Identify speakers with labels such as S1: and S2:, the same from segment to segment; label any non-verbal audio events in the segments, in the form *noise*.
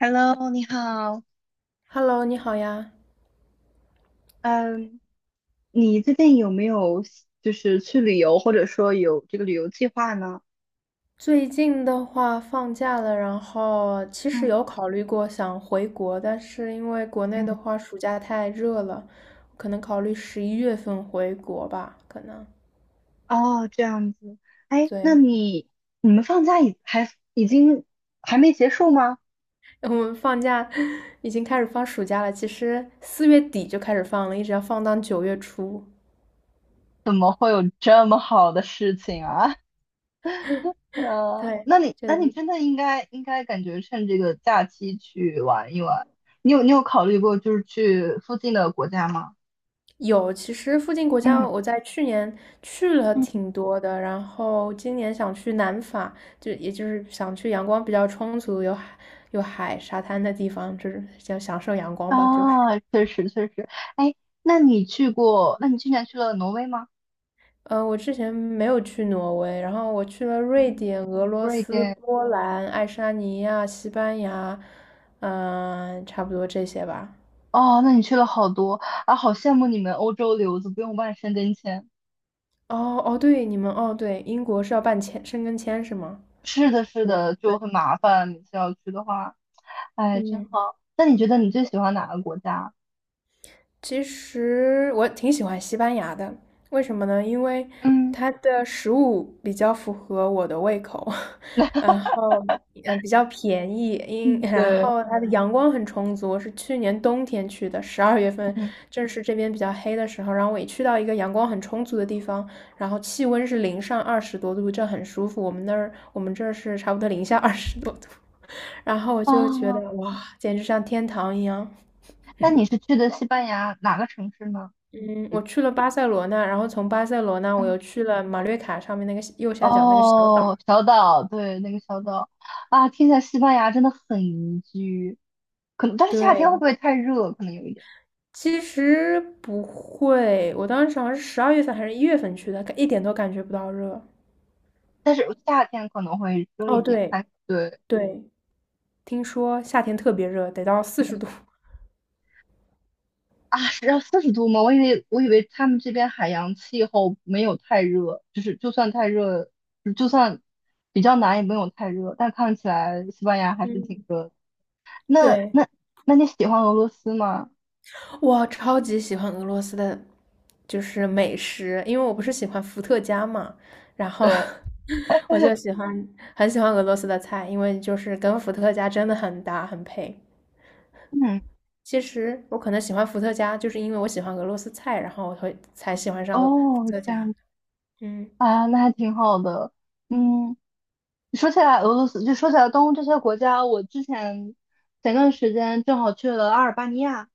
S1: Hello，你好。
S2: Hello，你好呀。
S1: 嗯，你最近有没有就是去旅游，或者说有这个旅游计划呢？
S2: 最近的话放假了，然后其实
S1: 嗯
S2: 有考虑过想回国，但是因为国内
S1: 嗯，
S2: 的话暑假太热了，可能考虑11月份回国吧，可能。
S1: 哦，这样子。哎，
S2: 对，
S1: 你们放假已经还没结束吗？
S2: *laughs* 我们放假已经开始放暑假了，其实4月底就开始放了，一直要放到9月初。
S1: 这么好的事情啊。呃，
S2: 对，
S1: 那你
S2: 就
S1: 那
S2: 等
S1: 你
S2: 于。
S1: 真的应该感觉趁这个假期去玩一玩。你有考虑过就是去附近的国家吗？
S2: 有，其实附近国家
S1: 嗯
S2: 我在去年去了
S1: 嗯，
S2: 挺多的，然后今年想去南法，就也就是想去阳光比较充足、有海、沙滩的地方，就是想享受阳光吧。就是，
S1: 啊，确实确实，哎，那你去过？那你去年去了挪威吗？
S2: 我之前没有去挪威，然后我去了瑞
S1: 嗯，
S2: 典、俄罗
S1: 瑞
S2: 斯、
S1: 典。
S2: 波兰、爱沙尼亚、西班牙，差不多这些吧。
S1: 哦，那你去了好多啊，好羡慕你们欧洲留子不用办申根签。
S2: 哦哦，对，哦对，英国是要办申根签是吗？
S1: 是的，是
S2: 对
S1: 的，就很麻烦，每次要去的话，哎，真
S2: 对，
S1: 好。那你觉得你最喜欢哪个国家？
S2: 其实我挺喜欢西班牙的，为什么呢？因为
S1: 嗯，
S2: 它的食物比较符合我的胃口，*laughs* 然后比较便宜，然
S1: 对，
S2: 后它的阳光很充足。我是去年冬天去的，十二月份
S1: 嗯，
S2: 正是这边比较黑的时候，然后我一去到一个阳光很充足的地方，然后气温是零上二十多度，这很舒服。我们这儿是差不多零下二十多度，*laughs* 然后我就觉
S1: 哦，
S2: 得哇，简直像天堂一样。
S1: 那你是去的西班牙哪个城市呢？
S2: 嗯，我去了巴塞罗那，然后从巴塞罗那我又
S1: 嗯。
S2: 去了马略卡上面那个右下角那个小岛。
S1: 哦，小岛，对，那个小岛啊，听起来西班牙真的很宜居，可能，但是夏天
S2: 对，
S1: 会不会太热？可能有一点，
S2: 其实不会，我当时好像是十二月份还是一月份去的，一点都感觉不到热。
S1: 但是夏天可能会热
S2: 哦，
S1: 一点，
S2: 对
S1: 但对，
S2: 对，听说夏天特别热，得到四十
S1: 嗯
S2: 度。
S1: 是要40度吗？我以为他们这边海洋气候没有太热，就是就算太热，就算比较难也没有太热，但看起来西班牙还是挺
S2: 嗯，*laughs*
S1: 热的。那
S2: 对，
S1: 那那你喜欢俄罗斯吗？
S2: 我超级喜欢俄罗斯的，就是美食，因为我不是喜欢伏特加嘛，然后
S1: 对，
S2: *laughs* 我就
S1: *laughs*
S2: 喜欢很喜欢俄罗斯的菜，因为就是跟伏特加真的很搭很配。
S1: 嗯，
S2: 其实我可能喜欢伏特加，就是因为我喜欢俄罗斯菜，然后我才喜欢上伏
S1: 哦，
S2: 特
S1: 这
S2: 加。
S1: 样。
S2: 嗯，
S1: 啊，那还挺好的。嗯，说起来俄罗斯，就说起来东欧这些国家，我之前前段时间正好去了阿尔巴尼亚，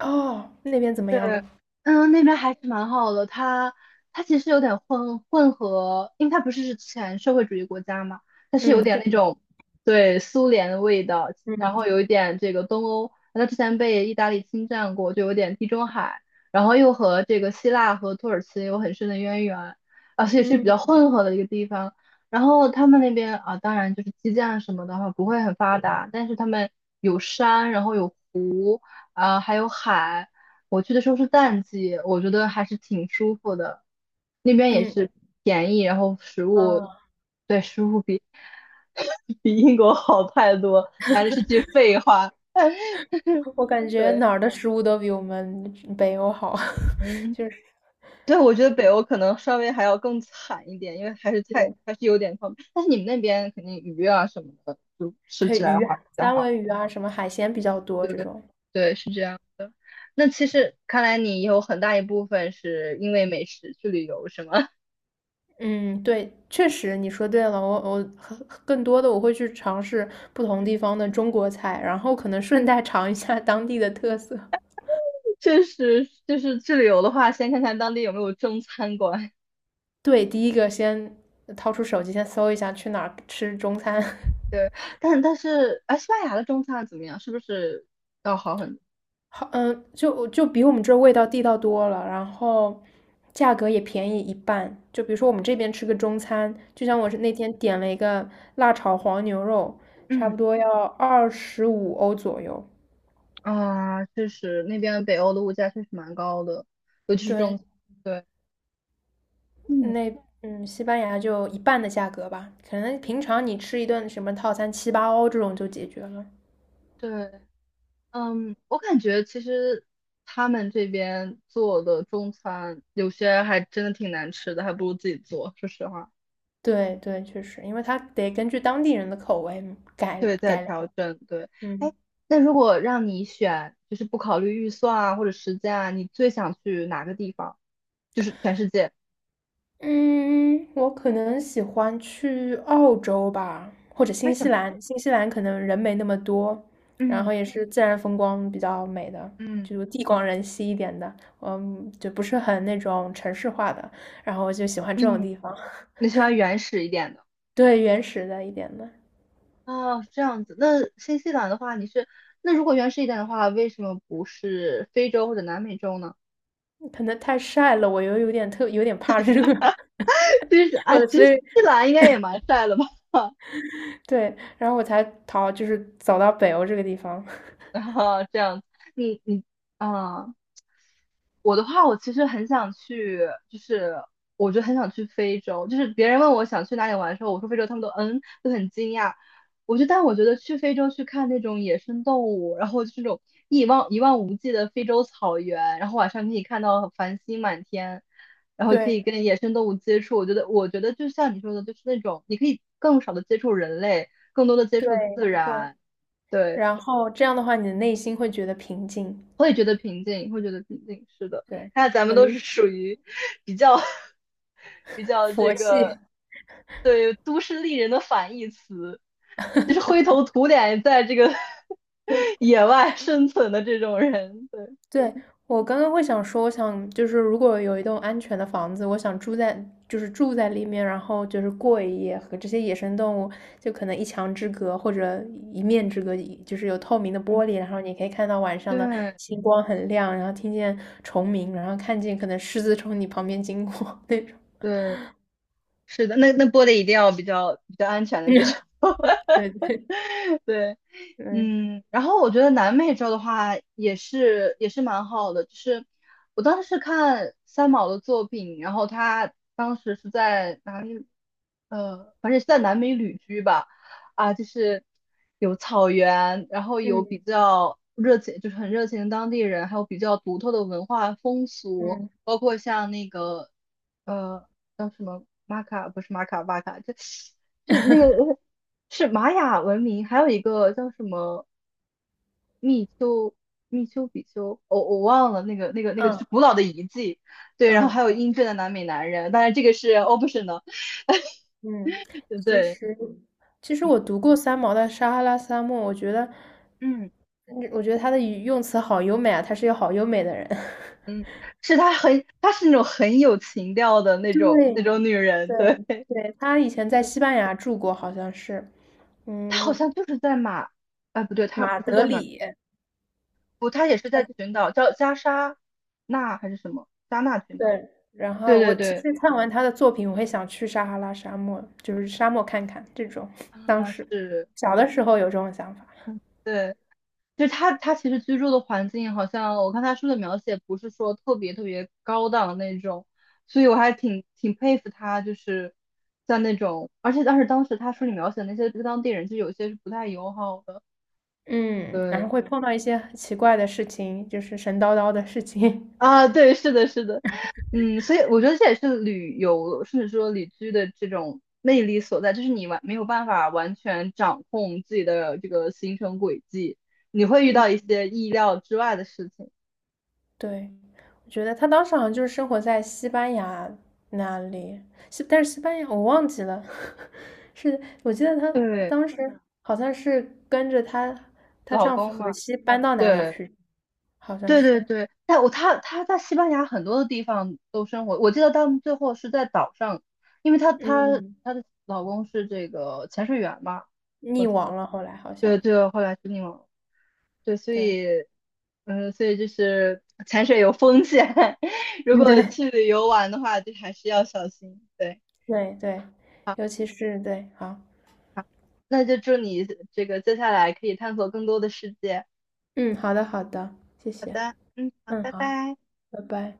S2: 哦，那边怎么样
S1: 对，
S2: 呢？
S1: 嗯，那边还是蛮好的。它其实有点混合，因为它不是之前社会主义国家嘛，它是有
S2: 嗯，这
S1: 点那
S2: 边，
S1: 种对苏联的味道，然后
S2: 嗯
S1: 有一点这个东欧，它之前被意大利侵占过，就有点地中海，然后又和这个希腊和土耳其有很深的渊源，而且是比较
S2: 嗯
S1: 混合的一个地方。然后他们那边啊，当然就是基建什么的话不会很发达，但是他们有山，然后有湖，啊、还有海。我去的时候是淡季，我觉得还是挺舒服的。那边也
S2: 嗯
S1: 是便宜，然后食物，
S2: 啊，
S1: 对，食物比 *laughs* 比英国好太多，但是是句废话。*laughs*
S2: 我感觉
S1: 对，
S2: 哪儿的食物都比我们北欧好，*laughs*
S1: 嗯，
S2: 就是
S1: 对，我觉得北欧可能稍微还要更惨一点，因为
S2: 对
S1: 还是有点方便但是你们那边肯定鱼啊什么的，就吃
S2: 对
S1: 起来的
S2: 鱼
S1: 话
S2: 啊
S1: 比较
S2: 三
S1: 好。
S2: 文鱼啊，什么海鲜比较多
S1: 对
S2: 这
S1: 对
S2: 种。
S1: 对，是这样的。那其实看来你有很大一部分是因为美食去旅游，是吗？
S2: 嗯，对，确实你说对了，我我很更多的我会去尝试不同地
S1: *laughs*
S2: 方的中国菜，然后可能顺带尝一下当地的特色。
S1: 确实，就是去旅游的话，先看看当地有没有中餐馆。*laughs*
S2: 对，第一个先掏出手机，先搜一下去哪儿吃中餐。
S1: 对，但是，哎，西班牙的中餐怎么样？是不是要好很多？
S2: 好，嗯，就比我们这味道地道多了，然后价格也便宜一半。就比如说我们这边吃个中餐，就像我是那天点了一个辣炒黄牛肉，差
S1: 嗯，
S2: 不多要25欧左右。
S1: 啊，确实，那边北欧的物价确实蛮高的，尤其是中
S2: 对，
S1: 餐。对，嗯，
S2: 那西班牙就一半的价格吧，可能平常你吃一顿什么套餐七八欧这种就解决了。
S1: 对，嗯，我感觉其实他们这边做的中餐有些还真的挺难吃的，还不如自己做。说实话。
S2: 对对，确实，因为它得根据当地人的口味改
S1: 对，在
S2: 改良。
S1: 调整，对。
S2: 嗯
S1: 哎，那如果让你选，就是不考虑预算啊或者时间啊，你最想去哪个地方？就是全世界？
S2: 嗯，我可能喜欢去澳洲吧，或者
S1: 为
S2: 新
S1: 什
S2: 西
S1: 么？
S2: 兰。新西兰可能人没那么多，然
S1: 嗯
S2: 后也是自然风光比较美的，
S1: 嗯
S2: 就地广人稀一点的，就不是很那种城市化的。然后我就喜欢这种
S1: 嗯，
S2: 地方，*laughs*
S1: 你喜欢原始一点的？
S2: 对，原始的一点的。
S1: 哦，这样子。那新西兰的话，你是，那如果原始一点的话，为什么不是非洲或者南美洲呢？
S2: 可能太晒了，我又有点怕热，*laughs*
S1: *laughs* 其实啊，
S2: 我
S1: 其
S2: 所
S1: 实
S2: 以
S1: 新西兰应该也蛮帅的吧？
S2: 对，然后我才逃，就是走到北欧这个地方。*laughs*
S1: *laughs* 然后这样子，你啊。我的话，我其实很想去，就是我就很想去非洲。就是别人问我想去哪里玩的时候，我说非洲，他们都很惊讶。但我觉得去非洲去看那种野生动物，然后就是那种一望无际的非洲草原，然后晚上可以看到繁星满天，然后可以
S2: 对
S1: 跟野生动物接触。我觉得就像你说的，就是那种你可以更少的接触人类，更多的接
S2: 对
S1: 触自
S2: 对。
S1: 然。对。
S2: 然后这样的话，你的内心会觉得平静。
S1: 会觉得平静，会觉得平静。是的，
S2: 对，
S1: 看来咱们
S2: 我
S1: 都
S2: 理
S1: 是
S2: 解，
S1: 属于比较 *laughs* 比较这
S2: 佛系。
S1: 个
S2: *laughs*
S1: 对都市丽人的反义词，就是灰头土脸在这个 *laughs* 野外生存的这种人。对
S2: 对，我刚刚会想说，我想就是如果有一栋安全的房子，我想住在里面，然后就是过一夜，和这些野生动物就可能一墙之隔或者一面之隔，就是有透明的玻璃，然后你可以看到晚上的
S1: 对
S2: 星光很亮，然后听见虫鸣，然后看见可能狮子从你旁边经过 *laughs* 那种。
S1: 对，是的，那播的一定要比较安全的那种。
S2: *laughs* 对对
S1: *laughs* 对。
S2: 对，
S1: 然后我觉得南美洲的话也是蛮好的，就是我当时是看三毛的作品，然后他当时是在哪里？反正是在南美旅居吧，啊，就是有草原，然后有比
S2: 嗯
S1: 较热情，就是很热情的当地人，还有比较独特的文化风
S2: 嗯
S1: 俗，
S2: 嗯
S1: 包括像那个呃叫什么玛卡，不是玛卡巴卡，这是
S2: *laughs*
S1: 玛雅文明，还有一个叫什么密丘密丘比丘，我忘了那个就是
S2: 嗯。
S1: 古老的遗迹，对，然后还
S2: 嗯
S1: 有英俊的南美男人，当然这个是 optional，
S2: 嗯，
S1: *laughs* 对
S2: 其
S1: 对，
S2: 实其实我
S1: 嗯
S2: 读过三毛的《撒哈拉沙漠》，
S1: 嗯
S2: 我觉得他的语用词好优美啊，他是一个好优美的人。*laughs*
S1: 嗯，她是那种很有情调的那种那
S2: 对
S1: 种女人，
S2: 对
S1: 对，
S2: 对，他以前在西班牙住过，好像是，
S1: 她好
S2: 嗯，
S1: 像就是在马，哎不对，她
S2: 马
S1: 不是
S2: 德
S1: 在马，
S2: 里，
S1: 不，她也是
S2: 他
S1: 在
S2: 是
S1: 群岛叫加沙那还是什么加纳群岛，
S2: 对。然
S1: 对
S2: 后我
S1: 对
S2: 其
S1: 对。
S2: 实看完他的作品，我会想去撒哈拉沙漠，就是沙漠看看这种。当
S1: 啊，
S2: 时
S1: 是，
S2: 小的时候有这种想法，
S1: 对，就是他其实居住的环境，好像我看他书的描写不是说特别特别高档那种，所以我还挺佩服他，就是像那种，而且当时他书里描写的那些当地人，就有些是不太友好的，
S2: 嗯，然
S1: 对，
S2: 后会碰到一些很奇怪的事情，就是神叨叨的事情。
S1: 啊，对，是的，是的，所以我觉得这也是旅游，甚至说旅居的这种魅力所在，就是你没有办法完全掌控自己的这个行程轨迹，你会遇
S2: 嗯，
S1: 到一些意料之外的事情。
S2: 对，我觉得她当时好像就是生活在西班牙那里，但是西班牙我忘记了，*laughs* 是我记得她
S1: 对，
S2: 当时好像是跟着她
S1: 老
S2: 丈夫
S1: 公
S2: 荷
S1: 嘛，
S2: 西搬到哪里
S1: 对，
S2: 去，好像
S1: 对对
S2: 是，
S1: 对，但他在西班牙很多的地方都生活，我记得他们最后是在岛上，因为他他
S2: 嗯，
S1: 他的老公是这个潜水员嘛，我
S2: 溺
S1: 记得，
S2: 亡了，后来好
S1: 对
S2: 像，
S1: 对，后来是那种，对，所
S2: 对，
S1: 以，嗯，所以就是潜水有风险，*laughs* 如
S2: 嗯，
S1: 果
S2: 对，
S1: 去旅游玩的话，就还是要小心，对，
S2: 对对，
S1: 好，
S2: 尤其是对，好，
S1: 好，那就祝你这个接下来可以探索更多的世界，
S2: 嗯，好的好的，谢
S1: 好
S2: 谢，
S1: 的，嗯，好，
S2: 嗯，
S1: 拜
S2: 好，
S1: 拜。
S2: 拜拜。